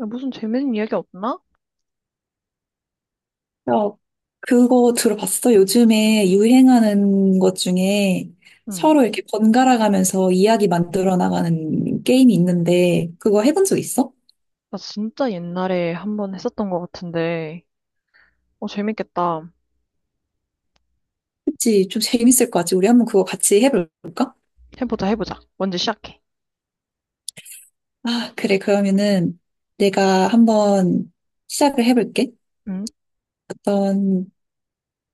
야, 무슨 재밌는 이야기 없나? 야, 그거 들어봤어? 요즘에 유행하는 것 중에 응. 서로 이렇게 번갈아 가면서 이야기 만들어 나가는 게임이 있는데 그거 해본 적 있어? 나 진짜 옛날에 한번 했었던 것 같은데. 재밌겠다. 그치? 좀 재밌을 것 같지? 우리 한번 그거 같이 해볼까? 해보자, 해보자. 먼저 시작해. 아, 그래. 그러면은 내가 한번 시작을 해볼게. 응? 어떤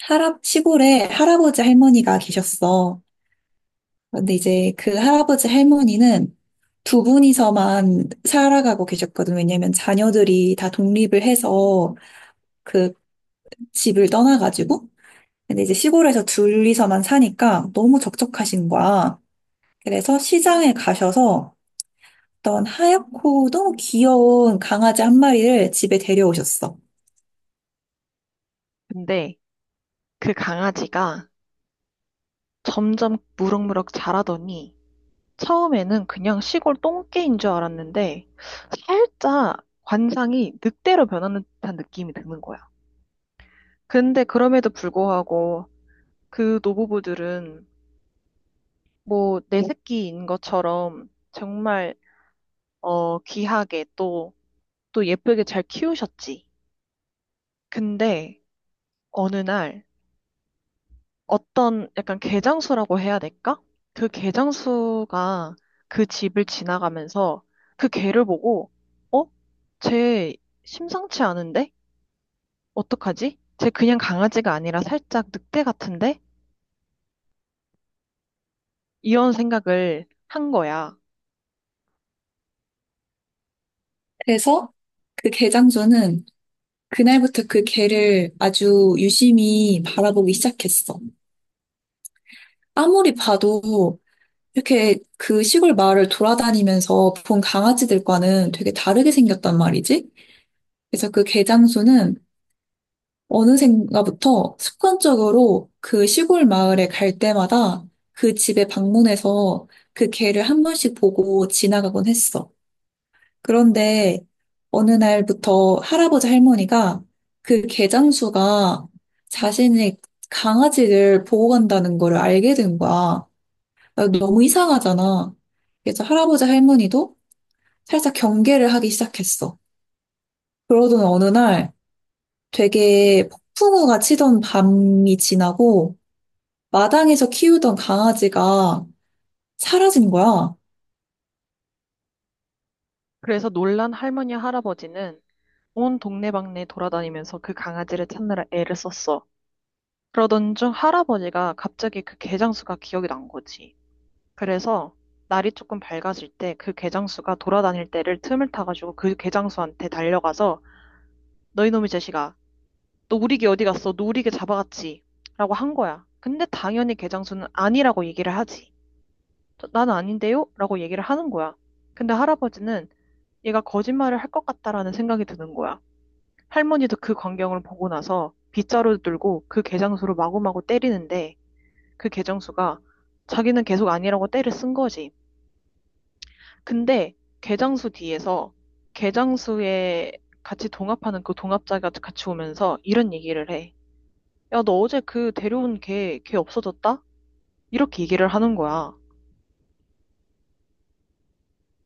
시골에 할아버지 할머니가 계셨어. 근데 이제 그 할아버지 할머니는 두 분이서만 살아가고 계셨거든. 왜냐면 자녀들이 다 독립을 해서 그 집을 떠나가지고. 근데 이제 시골에서 둘이서만 사니까 너무 적적하신 거야. 그래서 시장에 가셔서 어떤 하얗고 너무 귀여운 강아지 한 마리를 집에 데려오셨어. 근데 그 강아지가 점점 무럭무럭 자라더니 처음에는 그냥 시골 똥개인 줄 알았는데 살짝 관상이 늑대로 변하는 듯한 느낌이 드는 거야. 근데 그럼에도 불구하고 그 노부부들은 뭐 내 새끼인 것처럼 정말 귀하게 또 예쁘게 잘 키우셨지. 근데 어느 날 어떤 약간 개장수라고 해야 될까? 그 개장수가 그 집을 지나가면서 그 개를 보고 어? 쟤 심상치 않은데? 어떡하지? 쟤 그냥 강아지가 아니라 살짝 늑대 같은데? 이런 생각을 한 거야. 그래서 그 개장수는 그날부터 그 개를 아주 유심히 바라보기 시작했어. 아무리 봐도 이렇게 그 시골 마을을 돌아다니면서 본 강아지들과는 되게 다르게 생겼단 말이지. 그래서 그 개 장수는 어느샌가부터 습관적으로 그 시골 마을에 갈 때마다 그 집에 방문해서 그 개를 한 번씩 보고 지나가곤 했어. 그런데 어느 날부터 할아버지 할머니가 그 개장수가 자신이 강아지를 보고 간다는 거를 알게 된 거야. 아, 너무 이상하잖아. 그래서 할아버지 할머니도 살짝 경계를 하기 시작했어. 그러던 어느 날 되게 폭풍우가 치던 밤이 지나고 마당에서 키우던 강아지가 사라진 거야. 그래서 놀란 할머니 할아버지는 온 동네방네 돌아다니면서 그 강아지를 찾느라 애를 썼어. 그러던 중 할아버지가 갑자기 그 개장수가 기억이 난 거지. 그래서 날이 조금 밝아질 때 그 개장수가 돌아다닐 때를 틈을 타가지고 그 개장수한테 달려가서 너희 놈의 제시가 너 우리 개 어디 갔어? 너 우리 개 잡아갔지? 라고 한 거야. 근데 당연히 개장수는 아니라고 얘기를 하지. 나는 아닌데요? 라고 얘기를 하는 거야. 근데 할아버지는 얘가 거짓말을 할 것 같다라는 생각이 드는 거야. 할머니도 그 광경을 보고 나서 빗자루 들고 그 개장수를 마구마구 때리는데 그 개장수가 자기는 계속 아니라고 때를 쓴 거지. 근데 개장수 뒤에서 개장수에 같이 동업하는 그 동업자가 같이 오면서 이런 얘기를 해. 야, 너 어제 그 데려온 걔, 걔 없어졌다? 이렇게 얘기를 하는 거야.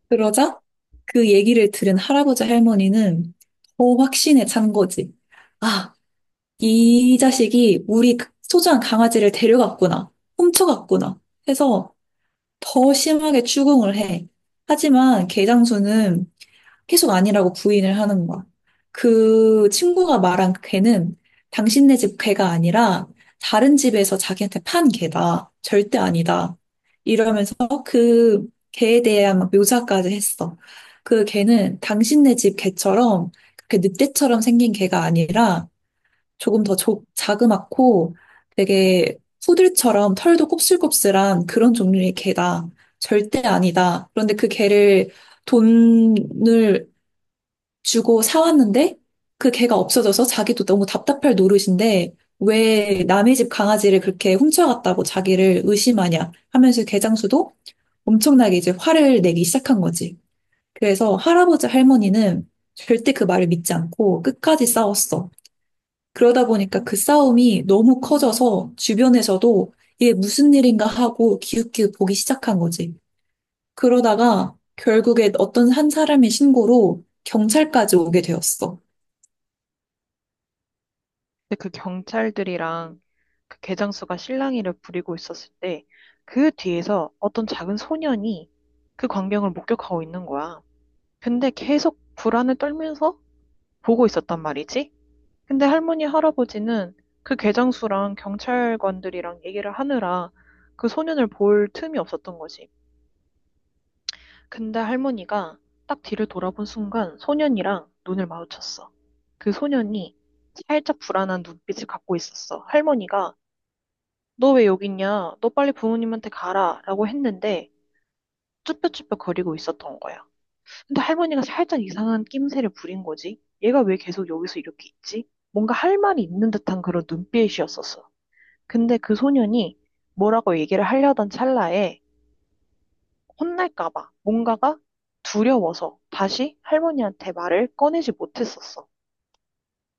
그러자 그 얘기를 들은 할아버지 할머니는 더 확신에 찬 거지. 아, 이 자식이 우리 소중한 강아지를 데려갔구나. 훔쳐갔구나. 해서 더 심하게 추궁을 해. 하지만 개장수는 계속 아니라고 부인을 하는 거야. 그 친구가 말한 그 개는 당신네 집 개가 아니라 다른 집에서 자기한테 판 개다. 절대 아니다. 이러면서 그 개에 대한 막 묘사까지 했어. 그 개는 당신네 집 개처럼 그렇게 늑대처럼 생긴 개가 아니라 조금 더 자그맣고 되게 푸들처럼 털도 곱슬곱슬한 그런 종류의 개다. 절대 아니다. 그런데 그 개를 돈을 주고 사왔는데 그 개가 없어져서 자기도 너무 답답할 노릇인데 왜 남의 집 강아지를 그렇게 훔쳐갔다고 자기를 의심하냐 하면서 개장수도 엄청나게 이제 화를 내기 시작한 거지. 그래서 할아버지 할머니는 절대 그 말을 믿지 않고 끝까지 싸웠어. 그러다 보니까 그 싸움이 너무 커져서 주변에서도 이게 무슨 일인가 하고 기웃기웃 보기 시작한 거지. 그러다가 결국에 어떤 한 사람의 신고로 경찰까지 오게 되었어. 근데 그 경찰들이랑 그 개장수가 실랑이를 부리고 있었을 때 그 뒤에서 어떤 작은 소년이 그 광경을 목격하고 있는 거야. 근데 계속 불안을 떨면서 보고 있었단 말이지. 근데 할머니, 할아버지는 그 괴장수랑 경찰관들이랑 얘기를 하느라 그 소년을 볼 틈이 없었던 거지. 근데 할머니가 딱 뒤를 돌아본 순간 소년이랑 눈을 마주쳤어. 그 소년이 살짝 불안한 눈빛을 갖고 있었어. 할머니가 너 왜 여기 있냐? 너 빨리 부모님한테 가라. 라고 했는데 쭈뼛쭈뼛 거리고 있었던 거야. 근데 할머니가 살짝 이상한 낌새를 부린 거지. 얘가 왜 계속 여기서 이렇게 있지? 뭔가 할 말이 있는 듯한 그런 눈빛이었었어. 근데 그 소년이 뭐라고 얘기를 하려던 찰나에 혼날까 봐 뭔가가 두려워서 다시 할머니한테 말을 꺼내지 못했었어.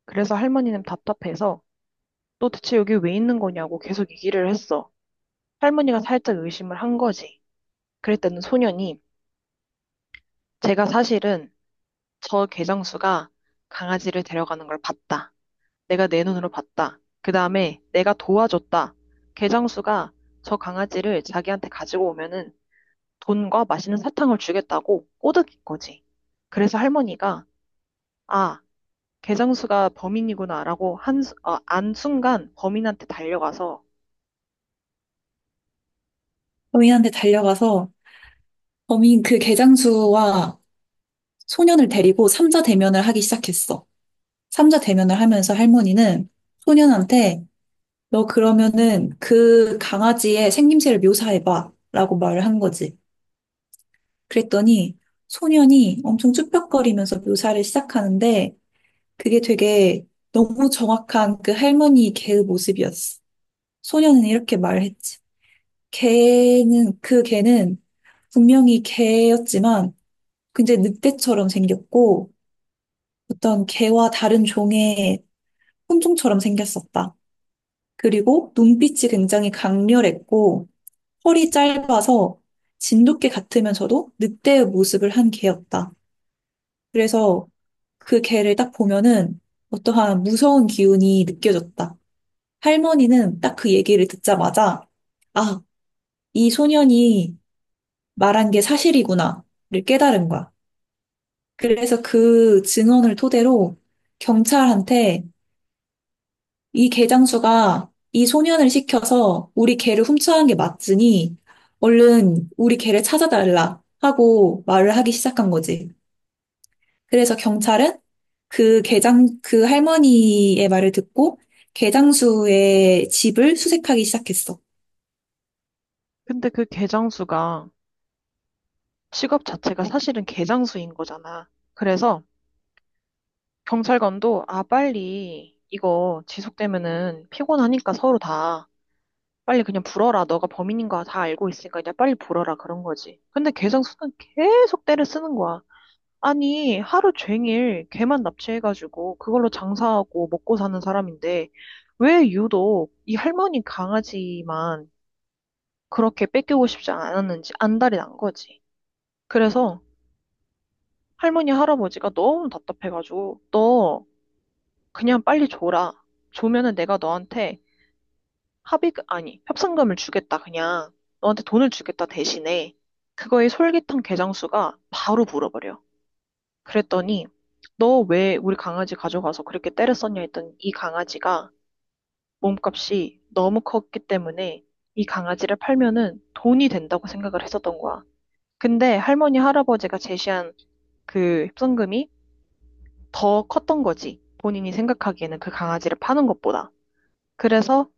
그래서 할머니는 답답해서 너 대체 여기 왜 있는 거냐고 계속 얘기를 했어. 할머니가 살짝 의심을 한 거지. 그랬더니 소년이 제가 사실은 저 개정수가 강아지를 데려가는 걸 봤다. 내가 내 눈으로 봤다. 그 다음에 내가 도와줬다. 개정수가 저 강아지를 자기한테 가지고 오면은 돈과 맛있는 사탕을 주겠다고 꼬드긴 거지. 그래서 할머니가, 아, 개장수가 범인이구나라고 안 순간 범인한테 달려가서, 범인한테 달려가서 범인 그 개장수와 소년을 데리고 삼자 대면을 하기 시작했어. 삼자 대면을 하면서 할머니는 소년한테 너 그러면은 그 강아지의 생김새를 묘사해봐 라고 말을 한 거지. 그랬더니 소년이 엄청 쭈뼛거리면서 묘사를 시작하는데 그게 되게 너무 정확한 그 할머니 개의 모습이었어. 소년은 이렇게 말했지. 개는, 그 개는 분명히 개였지만 굉장히 늑대처럼 생겼고 어떤 개와 다른 종의 혼종처럼 생겼었다. 그리고 눈빛이 굉장히 강렬했고 허리 짧아서 진돗개 같으면서도 늑대의 모습을 한 개였다. 그래서 그 개를 딱 보면은 어떠한 무서운 기운이 느껴졌다. 할머니는 딱 그 얘기를 듣자마자 아, 이 소년이 말한 게 사실이구나를 깨달은 거야. 그래서 그 증언을 토대로 경찰한테 이 개장수가 이 소년을 시켜서 우리 개를 훔쳐간 게 맞으니 얼른 우리 개를 찾아달라 하고 말을 하기 시작한 거지. 그래서 경찰은 그 개장 그 할머니의 말을 듣고 개장수의 집을 수색하기 시작했어. 근데 그 개장수가 직업 자체가 사실은 개장수인 거잖아. 그래서 경찰관도, 아, 빨리 이거 지속되면은 피곤하니까 서로 다 빨리 그냥 불어라. 너가 범인인 거 다 알고 있으니까 그냥 빨리 불어라. 그런 거지. 근데 개장수는 계속 때를 쓰는 거야. 아니, 하루 종일 개만 납치해가지고 그걸로 장사하고 먹고 사는 사람인데 왜 유독 이 할머니 강아지만 그렇게 뺏기고 싶지 않았는지 안달이 난 거지. 그래서 할머니 할아버지가 너무 답답해가지고 너 그냥 빨리 줘라. 줘면은 내가 너한테 합의, 아니, 협상금을 주겠다, 그냥. 너한테 돈을 주겠다 대신에 그거의 솔깃한 개장수가 바로 물어버려. 그랬더니 너 왜 우리 강아지 가져가서 그렇게 때렸었냐 했더니 이 강아지가 몸값이 너무 컸기 때문에 이 강아지를 팔면은 돈이 된다고 생각을 했었던 거야. 근데 할머니 할아버지가 제시한 그 협상금이 더 컸던 거지. 본인이 생각하기에는 그 강아지를 파는 것보다. 그래서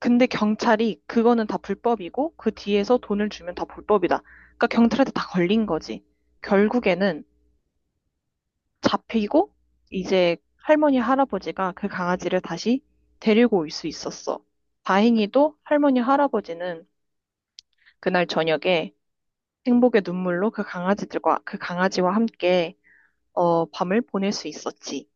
근데 경찰이 그거는 다 불법이고 그 뒤에서 돈을 주면 다 불법이다. 그러니까 경찰한테 다 걸린 거지. 결국에는 잡히고 이제 할머니 할아버지가 그 강아지를 다시 데리고 올 수 있었어. 다행히도 할머니 할아버지는 그날 저녁에 행복의 눈물로 그 강아지들과 그 강아지와 함께 밤을 보낼 수 있었지.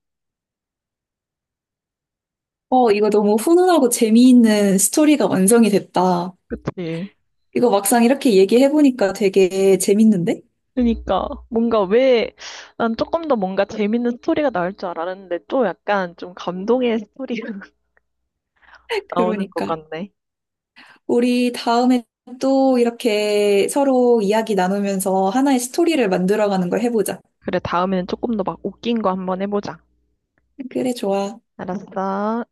어, 이거 너무 훈훈하고 재미있는 스토리가 완성이 됐다. 그치. 이거 막상 이렇게 얘기해보니까 되게 재밌는데? 그러니까 뭔가 왜 난 조금 더 뭔가 재밌는 스토리가 나올 줄 알았는데 또 약간 좀 감동의 스토리가 나오는 것 그러니까. 같네. 우리 다음에 또 이렇게 서로 이야기 나누면서 하나의 스토리를 만들어가는 걸 해보자. 그래, 다음에는 조금 더 막 웃긴 거 한번 해보자. 그래, 좋아. 알았어.